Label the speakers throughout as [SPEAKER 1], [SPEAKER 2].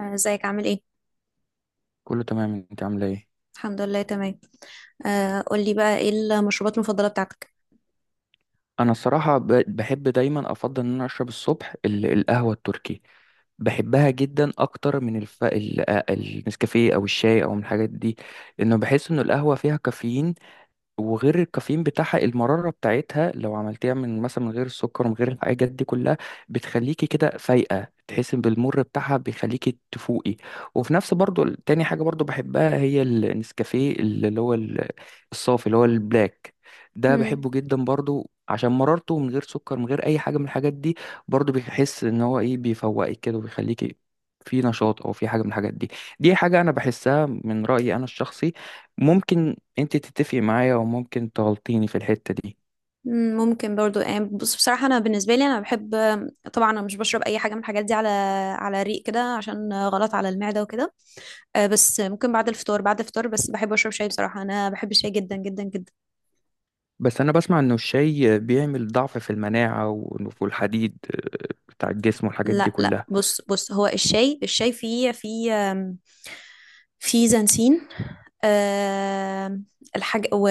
[SPEAKER 1] آه، ازيك عامل ايه؟
[SPEAKER 2] كله تمام، انت عامله ايه؟
[SPEAKER 1] الحمد لله تمام. آه، قولي بقى ايه المشروبات المفضلة بتاعتك؟
[SPEAKER 2] انا الصراحه بحب دايما افضل ان انا اشرب الصبح القهوه التركي. بحبها جدا اكتر من النسكافيه او الشاي او من الحاجات دي، لانه بحس ان القهوه فيها كافيين، وغير الكافيين بتاعها المرارة بتاعتها لو عملتيها من مثلا من غير السكر ومن غير الحاجات دي كلها، بتخليكي كده فايقة، تحسي بالمر بتاعها بيخليكي تفوقي. وفي نفس برضو تاني حاجة برضو بحبها هي النسكافيه اللي هو الصافي اللي هو البلاك. ده
[SPEAKER 1] مم.
[SPEAKER 2] بحبه جدا برضو عشان مرارته من غير سكر من غير اي حاجة من الحاجات دي، برضو بيحس ان هو ايه، بيفوقك كده وبيخليكي في نشاط او في حاجة من الحاجات دي. دي حاجة انا بحسها من رأيي انا الشخصي، ممكن انت تتفقي معايا وممكن تغلطيني في الحتة دي.
[SPEAKER 1] مم، ممكن برضو يعني بصراحة انا بالنسبة لي بحب. طبعا انا مش بشرب اي حاجة من الحاجات دي على ريق كده عشان غلط على المعدة وكده. بس ممكن بعد الفطار بعد الفطار بس بحب اشرب شاي. بصراحة انا بحب الشاي جدا جدا جدا.
[SPEAKER 2] بس انا بسمع انه الشاي بيعمل ضعف في المناعة وفي الحديد بتاع الجسم والحاجات دي
[SPEAKER 1] لا لا،
[SPEAKER 2] كلها.
[SPEAKER 1] بص هو الشاي فيه في زنسين. آه. الحاج و...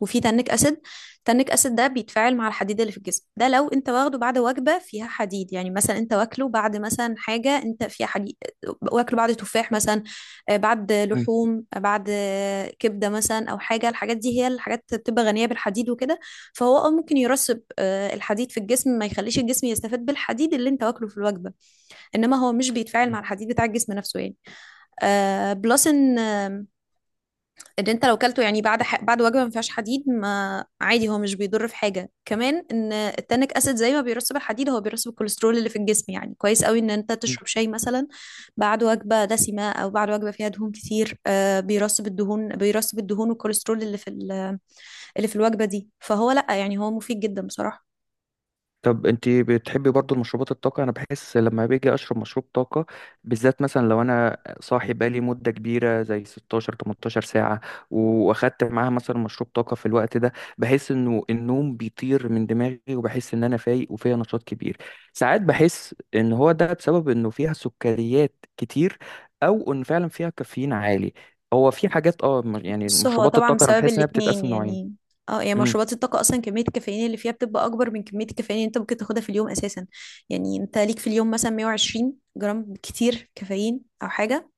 [SPEAKER 1] وفي تانيك اسيد. تانيك اسيد ده بيتفاعل مع الحديد اللي في الجسم. ده لو انت واخده بعد وجبه فيها حديد، يعني مثلا انت واكله بعد مثلا حاجه انت فيها حديد، واكله بعد تفاح مثلا، بعد
[SPEAKER 2] مم.
[SPEAKER 1] لحوم، آه، بعد آه، كبده مثلا او حاجه. الحاجات دي هي الحاجات بتبقى غنيه بالحديد وكده. فهو اه ممكن يرسب الحديد في الجسم، ما يخليش الجسم يستفاد بالحديد اللي انت واكله في الوجبه. انما هو مش بيتفاعل
[SPEAKER 2] مم.
[SPEAKER 1] مع الحديد بتاع الجسم نفسه يعني. آه بلس ان آه، ان انت لو كلته يعني بعد وجبه ما فيهاش حديد ما عادي، هو مش بيضر في حاجه. كمان ان التانيك اسيد زي ما بيرسب الحديد هو بيرسب الكوليسترول اللي في الجسم. يعني كويس قوي ان انت تشرب شاي مثلا بعد وجبه دسمه او بعد وجبه فيها دهون كتير. آه، بيرسب الدهون، بيرسب الدهون والكوليسترول اللي في الوجبه دي. فهو لا، يعني هو مفيد جدا بصراحه.
[SPEAKER 2] طب انت بتحبي برضو المشروبات الطاقة؟ انا بحس لما باجي اشرب مشروب طاقة، بالذات مثلا لو انا صاحي بقالي مدة كبيرة زي 16 18 ساعة، واخدت معاها مثلا مشروب طاقة في الوقت ده، بحس انه النوم بيطير من دماغي وبحس ان انا فايق وفيا نشاط كبير. ساعات بحس ان هو ده بسبب انه فيها سكريات كتير، او ان فعلا فيها كافيين عالي. هو في حاجات يعني
[SPEAKER 1] بص هو
[SPEAKER 2] مشروبات
[SPEAKER 1] طبعا
[SPEAKER 2] الطاقة انا
[SPEAKER 1] بسبب
[SPEAKER 2] بحس انها
[SPEAKER 1] الاتنين
[SPEAKER 2] بتتقسم نوعين.
[SPEAKER 1] يعني. اه يعني
[SPEAKER 2] امم.
[SPEAKER 1] مشروبات الطاقة أصلا كمية الكافيين اللي فيها بتبقى أكبر من كمية الكافيين اللي أنت ممكن تاخدها في اليوم أساسا. يعني أنت ليك في اليوم مثلا 120 جرام كتير كافيين أو حاجة.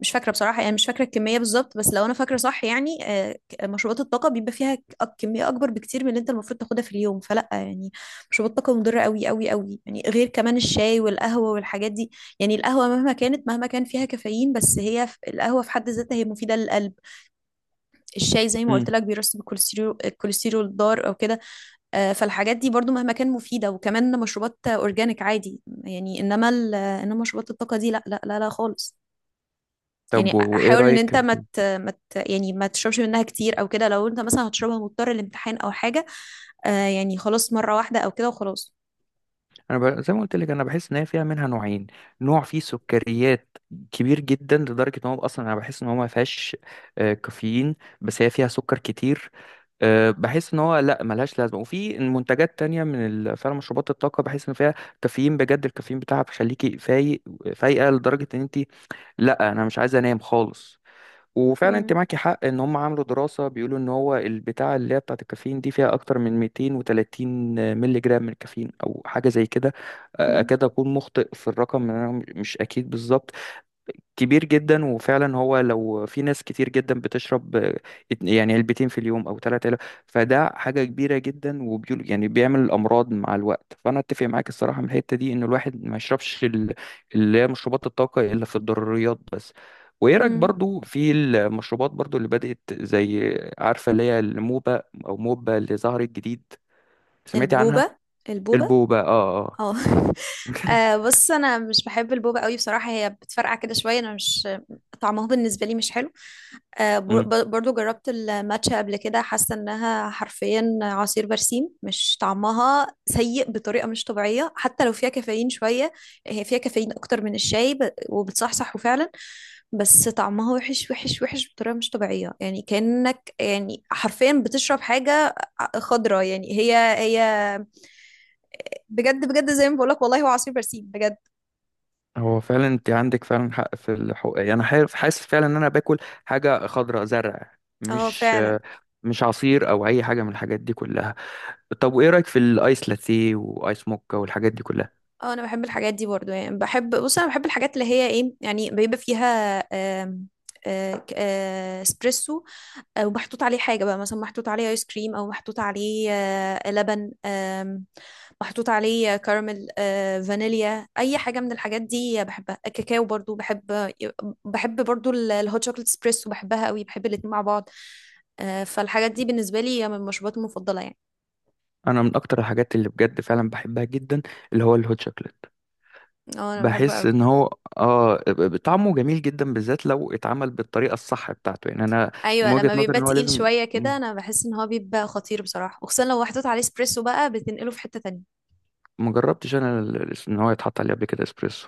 [SPEAKER 1] مش فاكرة بصراحة، يعني مش فاكرة الكمية بالظبط، بس لو أنا فاكرة صح يعني، مشروبات الطاقة بيبقى فيها كمية أكبر بكتير من اللي أنت المفروض تاخدها في اليوم. فلأ يعني، مشروبات الطاقة مضرة أوي أوي أوي يعني، غير كمان الشاي والقهوة والحاجات دي. يعني القهوة مهما كانت، مهما كان فيها كافيين، القهوة في حد ذاتها هي مفيدة للقلب. الشاي زي ما قلت
[SPEAKER 2] امم.
[SPEAKER 1] لك بيرسب الكوليسترول، الكوليسترول الضار او كده. آه، فالحاجات دي برضو مهما كان مفيده، وكمان مشروبات اورجانيك عادي يعني. انما مشروبات الطاقه دي لا لا لا لا خالص. يعني
[SPEAKER 2] طب وايه
[SPEAKER 1] حاول ان انت
[SPEAKER 2] رأيك؟
[SPEAKER 1] ما مت مت يعني ما تشربش منها كتير او كده. لو انت مثلا هتشربها مضطر لامتحان او حاجه، آه، يعني خلاص مره واحده او كده وخلاص.
[SPEAKER 2] زي ما قلت لك، انا بحس ان هي فيها منها نوعين. نوع فيه سكريات كبير جدا لدرجه ان هو اصلا انا بحس ان هو ما فيهاش كافيين، بس هي فيها سكر كتير. بحس ان هو لا، ملهاش لازمه. وفي منتجات تانية من فعلا مشروبات الطاقه بحس ان فيها كافيين بجد، الكافيين بتاعها بيخليكي فايق، فايقه لدرجه ان انت، لا انا مش عايزه انام خالص. وفعلا انت
[SPEAKER 1] مم.
[SPEAKER 2] معاكي حق ان هم عملوا دراسه بيقولوا ان هو البتاعه اللي هي بتاعه الكافيين دي فيها اكتر من 230 مللي جرام من الكافيين او حاجه زي كده.
[SPEAKER 1] مم.
[SPEAKER 2] اكاد اكون مخطئ في الرقم، انا مش اكيد بالظبط. كبير جدا، وفعلا هو لو في ناس كتير جدا بتشرب يعني علبتين في اليوم او ثلاثة علب، فده حاجة كبيرة جدا، وبيقول يعني بيعمل امراض مع الوقت. فانا اتفق معاك الصراحة من الحتة دي ان الواحد ما يشربش اللي هي مشروبات الطاقة الا في الضروريات بس. وايه رايك
[SPEAKER 1] مم.
[SPEAKER 2] برضو في المشروبات برضو اللي بدأت زي، عارفة اللي هي الموبا او موبا اللي ظهرت جديد؟ سمعتي عنها؟
[SPEAKER 1] البوبه؟ البوبه.
[SPEAKER 2] البوبا، اه.
[SPEAKER 1] اه آه، بص انا مش بحب البوبا قوي بصراحه، هي بتفرقع كده شويه. انا مش، طعمها بالنسبه لي مش حلو. آه،
[SPEAKER 2] اه
[SPEAKER 1] برضو جربت الماتشا قبل كده. حاسه انها حرفيا عصير برسيم. مش طعمها سيء بطريقه مش طبيعيه حتى لو فيها كافيين شويه. هي فيها كافيين اكتر من الشاي وبتصحصح فعلا. بس طعمها وحش وحش وحش بطريقه مش طبيعيه، يعني كانك يعني حرفيا بتشرب حاجه خضراء يعني. هي هي بجد بجد زي ما بقولك والله، هو عصير برسيم بجد.
[SPEAKER 2] هو فعلا انت عندك فعلا حق في الحقوق، يعني انا حاسس، حاسس فعلا ان انا باكل حاجه خضراء، زرع،
[SPEAKER 1] اه
[SPEAKER 2] مش
[SPEAKER 1] فعلا.
[SPEAKER 2] مش عصير او اي حاجه من الحاجات دي كلها. طب وايه رايك في الايس لاتيه وايس موكا والحاجات دي كلها؟
[SPEAKER 1] اه انا بحب الحاجات دي برضو يعني. بحب، بص انا بحب الحاجات اللي هي ايه، يعني بيبقى فيها آم، آه، ك- آه، اسبريسو، ومحطوط عليه حاجة بقى، مثلا محطوط عليه ايس كريم، او محطوط عليه لبن، محطوط عليه كراميل، فانيليا. اي حاجة من الحاجات دي بحبها. الكاكاو برضو بحب. الهوت شوكليت اسبريسو بحبها قوي، بحب الاتنين مع بعض. آه، فالحاجات دي بالنسبة لي من المشروبات المفضلة يعني.
[SPEAKER 2] انا من اكتر الحاجات اللي بجد فعلا بحبها جدا اللي هو الهوت شوكليت.
[SPEAKER 1] اه انا بحبه
[SPEAKER 2] بحس
[SPEAKER 1] قوي.
[SPEAKER 2] ان هو طعمه جميل جدا، بالذات لو اتعمل بالطريقه الصح بتاعته، يعني انا من
[SPEAKER 1] ايوه
[SPEAKER 2] وجهه
[SPEAKER 1] لما
[SPEAKER 2] نظري
[SPEAKER 1] بيبقى
[SPEAKER 2] ان هو
[SPEAKER 1] تقيل
[SPEAKER 2] لازم.
[SPEAKER 1] شويه كده، انا بحس ان هو بيبقى خطير بصراحه، وخصوصا لو محطوط عليه اسبريسو بقى بتنقله في حته تانية.
[SPEAKER 2] مجربتش انا ان هو يتحط عليه قبل كده اسبريسو،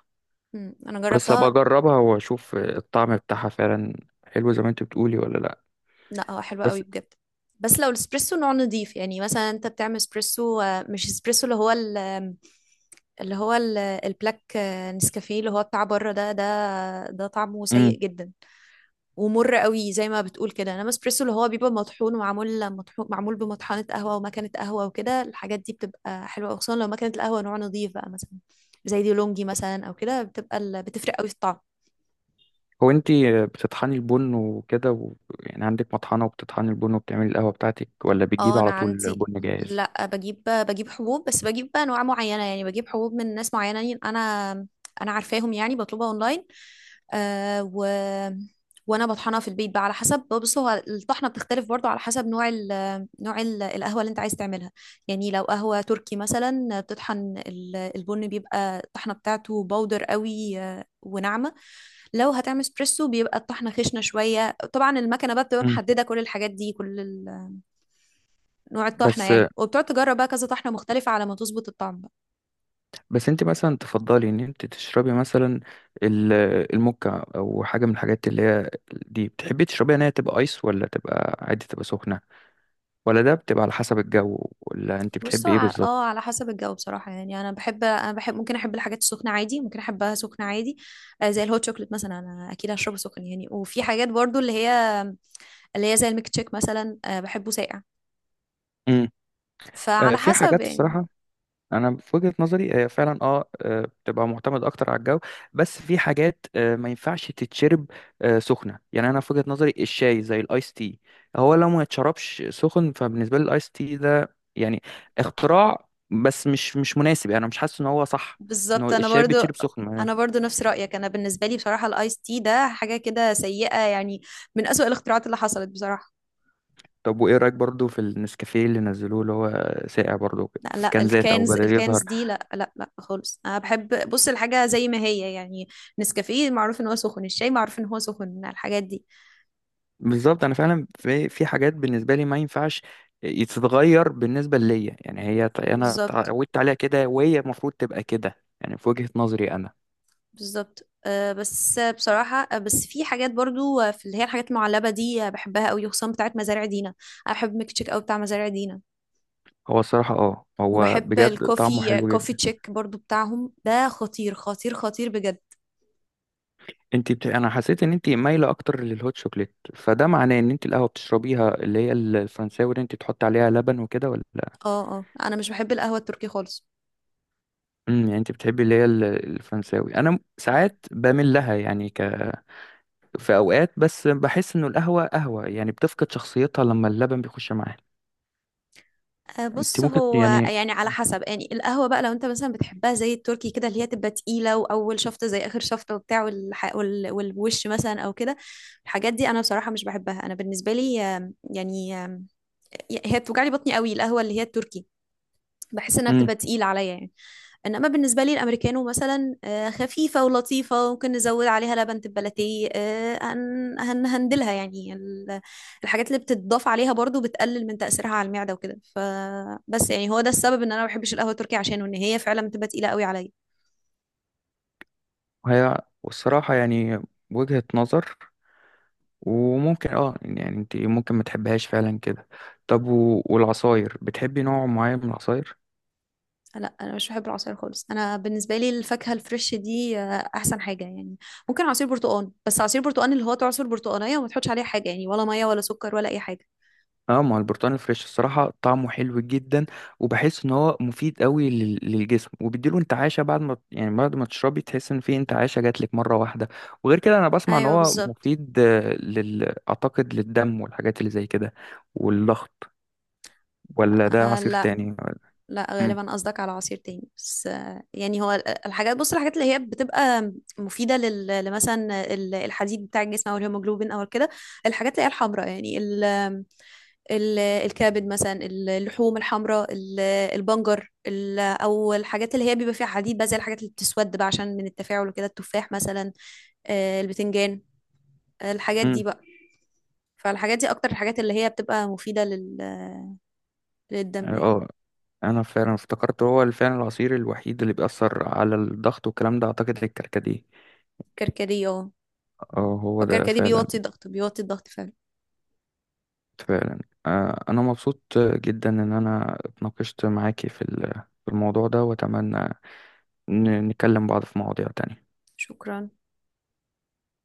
[SPEAKER 1] انا
[SPEAKER 2] بس ابقى
[SPEAKER 1] جربتها.
[SPEAKER 2] اجربها واشوف الطعم بتاعها فعلا حلو زي ما انت بتقولي ولا لا.
[SPEAKER 1] لا هو حلو قوي
[SPEAKER 2] بس،
[SPEAKER 1] بجد. بس لو الاسبريسو نوع نضيف يعني. مثلا انت بتعمل اسبريسو، مش اسبريسو اللي هو ال- آم، اللي هو ال- البلاك، نسكافيه اللي هو بتاع بره ده، ده طعمه
[SPEAKER 2] امم.
[SPEAKER 1] سيء جدا ومر قوي زي ما بتقول كده. انما اسبريسو اللي هو بيبقى مطحون ومعمول، مطحون معمول بمطحنه قهوه ومكنه قهوه وكده، الحاجات دي بتبقى حلوه، خصوصا لو مكنه القهوه نوع نظيف بقى، مثلا زي دي لونجي مثلا او كده، بتفرق قوي في الطعم.
[SPEAKER 2] هو انت بتطحني البن وكده يعني عندك مطحنة وبتطحني البن وبتعملي القهوة بتاعتك، ولا
[SPEAKER 1] اه
[SPEAKER 2] بتجيبي
[SPEAKER 1] انا
[SPEAKER 2] على طول
[SPEAKER 1] عندي.
[SPEAKER 2] بن جاهز؟
[SPEAKER 1] لا، بجيب حبوب. بس بجيب بقى انواع معينه، يعني بجيب حبوب من ناس معينه انا، انا عارفاهم يعني، بطلبها اونلاين. آه و... وانا بطحنها في البيت بقى، على حسب. بص هو الطحنه بتختلف برضو على حسب نوع القهوه اللي انت عايز تعملها. يعني لو قهوه تركي مثلا، البن بيبقى الطحنه بتاعته باودر قوي، وناعمه. لو هتعمل اسبريسو بيبقى الطحنه خشنه شويه. طبعا المكنه بقى بتبقى
[SPEAKER 2] امم.
[SPEAKER 1] محدده كل الحاجات دي، نوع الطحنه
[SPEAKER 2] بس
[SPEAKER 1] يعني. وبتقعد تجرب بقى كذا طحنه مختلفه على ما تظبط الطعم.
[SPEAKER 2] بس انت مثلا تفضلي ان انت تشربي مثلا ال- الموكا او حاجة من الحاجات اللي هي دي بتحبي تشربيها، ان هي تبقى ايس ولا تبقى عادي، تبقى سخنة؟ ولا ده بتبقى على حسب الجو، ولا انت
[SPEAKER 1] بص هو
[SPEAKER 2] بتحبي ايه
[SPEAKER 1] ع- اه
[SPEAKER 2] بالظبط؟
[SPEAKER 1] على حسب الجو بصراحة يعني. أنا بحب، ممكن أحب الحاجات السخنة عادي، ممكن أحبها سخنة عادي. آه، زي الهوت شوكليت مثلا أنا أكيد هشربه سخن يعني. وفي حاجات برضو اللي هي زي الميك تشيك مثلا، آه، بحبه ساقع.
[SPEAKER 2] امم.
[SPEAKER 1] فعلى
[SPEAKER 2] في
[SPEAKER 1] حسب
[SPEAKER 2] حاجات
[SPEAKER 1] يعني.
[SPEAKER 2] الصراحة، انا في وجهة نظري هي فعلا بتبقى معتمد اكتر على الجو. بس في حاجات ما ينفعش تتشرب سخنه، يعني انا في وجهة نظري الشاي زي الايس تي، هو لو ما يتشربش سخن فبالنسبه لي الايس تي ده يعني اختراع بس مش مناسب، يعني انا مش حاسس ان هو صح ان هو
[SPEAKER 1] بالظبط. أنا
[SPEAKER 2] الشاي
[SPEAKER 1] برضو
[SPEAKER 2] بيتشرب سخن
[SPEAKER 1] أنا
[SPEAKER 2] يعني.
[SPEAKER 1] برضو نفس رأيك. أنا بالنسبة لي بصراحة الآيس تي ده حاجة كده سيئة يعني، من أسوأ الاختراعات اللي حصلت بصراحة.
[SPEAKER 2] طب وايه رايك برضو في النسكافيه اللي نزلوه اللي هو ساقع برضو
[SPEAKER 1] لا
[SPEAKER 2] في
[SPEAKER 1] لا،
[SPEAKER 2] كنزات او
[SPEAKER 1] الكانز
[SPEAKER 2] بدل
[SPEAKER 1] الكانز
[SPEAKER 2] يظهر؟
[SPEAKER 1] دي لا لا لا خالص. انا بحب، بص الحاجه زي ما هي يعني. نسكافيه معروف ان هو سخن، الشاي معروف ان هو سخن، الحاجات دي.
[SPEAKER 2] بالظبط، انا فعلا في حاجات بالنسبه لي ما ينفعش تتغير بالنسبه ليا، يعني هي انا
[SPEAKER 1] بالظبط.
[SPEAKER 2] اتعودت عليها كده وهي المفروض تبقى كده، يعني في وجهه نظري انا.
[SPEAKER 1] بالظبط، آه، بس بصراحة بس في حاجات برضو، في اللي هي الحاجات المعلبة دي، بحبها قوي خصوصا بتاعت مزارع دينا. أنا بحب ميك تشيك قوي بتاع مزارع دينا.
[SPEAKER 2] هو الصراحه هو
[SPEAKER 1] وبحب
[SPEAKER 2] بجد طعمه
[SPEAKER 1] الكوفي،
[SPEAKER 2] حلو
[SPEAKER 1] كوفي
[SPEAKER 2] جدا.
[SPEAKER 1] تشيك برضو بتاعهم ده خطير خطير خطير بجد.
[SPEAKER 2] انا حسيت ان انت مايله اكتر للهوت شوكليت، فده معناه ان انت القهوه بتشربيها اللي هي الفرنساوي اللي انت تحط عليها لبن وكده، ولا؟
[SPEAKER 1] اه اه انا مش بحب القهوة التركي خالص.
[SPEAKER 2] امم. يعني انت بتحبي اللي هي الفرنساوي. انا ساعات بميل لها يعني، في اوقات، بس بحس انه القهوه قهوه يعني، بتفقد شخصيتها لما اللبن بيخش معاها.
[SPEAKER 1] آه،
[SPEAKER 2] انت
[SPEAKER 1] بص
[SPEAKER 2] ممكن
[SPEAKER 1] هو
[SPEAKER 2] يعني.
[SPEAKER 1] يعني على حسب يعني. القهوة بقى لو انت مثلا بتحبها زي التركي كده، اللي هي تبقى تقيلة وأول شفطة زي آخر شفطة وبتاع، والوش مثلا أو كده، الحاجات دي أنا بصراحة مش بحبها. أنا بالنسبة لي آم، يعني آم، هي بتوجعلي بطني قوي القهوة اللي هي التركي، بحس إنها
[SPEAKER 2] امم.
[SPEAKER 1] بتبقى تقيلة عليا يعني. انما بالنسبه لي الامريكانو مثلا، آه، خفيفه ولطيفه، ممكن نزود عليها لبن تبلتيه، هندلها يعني. الحاجات اللي بتتضاف عليها برضو بتقلل من تاثيرها على المعده وكده. فبس يعني هو ده السبب ان انا ما بحبش القهوه التركي، عشانه ان هي فعلا بتبقى تقيله قوي عليا.
[SPEAKER 2] هي والصراحه يعني، وجهه نظر، وممكن يعني انت ممكن ما تحبهاش فعلا كده. طب والعصاير، بتحبي نوع معين من العصاير؟
[SPEAKER 1] لا انا مش بحب العصاير خالص. انا بالنسبه لي الفاكهه الفريش دي، آه، احسن حاجه يعني. ممكن عصير برتقال، بس عصير برتقال اللي هو تعصر برتقانيه وما تحطش عليه حاجه يعني، ولا ميه ولا سكر ولا اي حاجه.
[SPEAKER 2] اه، ما هو البرتقال الفريش الصراحة طعمه حلو جدا، وبحس ان هو مفيد قوي للجسم وبيديله انتعاشة، بعد ما يعني بعد ما تشربي تحس ان في انتعاشة جات لك مرة واحدة. وغير كده انا بسمع ان
[SPEAKER 1] ايوه
[SPEAKER 2] هو
[SPEAKER 1] بالظبط.
[SPEAKER 2] مفيد آه، لل اعتقد للدم والحاجات اللي زي كده، والضغط. ولا ده
[SPEAKER 1] آه،
[SPEAKER 2] عصير
[SPEAKER 1] لا.
[SPEAKER 2] تاني؟
[SPEAKER 1] لا
[SPEAKER 2] امم.
[SPEAKER 1] غالبا قصدك على عصير تاني. بس آه، يعني الحاجات، بص الحاجات اللي هي بتبقى مفيدة الحديد بتاع الجسم، او الهيموجلوبين او كده. الحاجات اللي هي الحمراء يعني، ال ال الكبد مثلا، اللحوم الحمراء، البنجر، او الحاجات اللي هي بيبقى فيها حديد بقى، زي الحاجات اللي بتسود بقى عشان من التفاعل وكده، التفاح مثلا، آه، البتنجان، الحاجات دي
[SPEAKER 2] امم.
[SPEAKER 1] بقى. فالحاجات دي اكتر الحاجات اللي هي بتبقى مفيدة لل، للدم يعني.
[SPEAKER 2] اه، انا فعلا افتكرت هو فعلا العصير الوحيد اللي بيأثر على الضغط والكلام ده اعتقد الكركديه.
[SPEAKER 1] كركديه، اه.
[SPEAKER 2] اه،
[SPEAKER 1] او
[SPEAKER 2] هو ده
[SPEAKER 1] كركديه
[SPEAKER 2] فعلا.
[SPEAKER 1] بيوطي الضغط، بيوطي الضغط فعلا.
[SPEAKER 2] فعلا. انا مبسوط جدا ان انا اتناقشت معاكي في في الموضوع ده، واتمنى نكلم بعض في مواضيع تانية.
[SPEAKER 1] شكرا.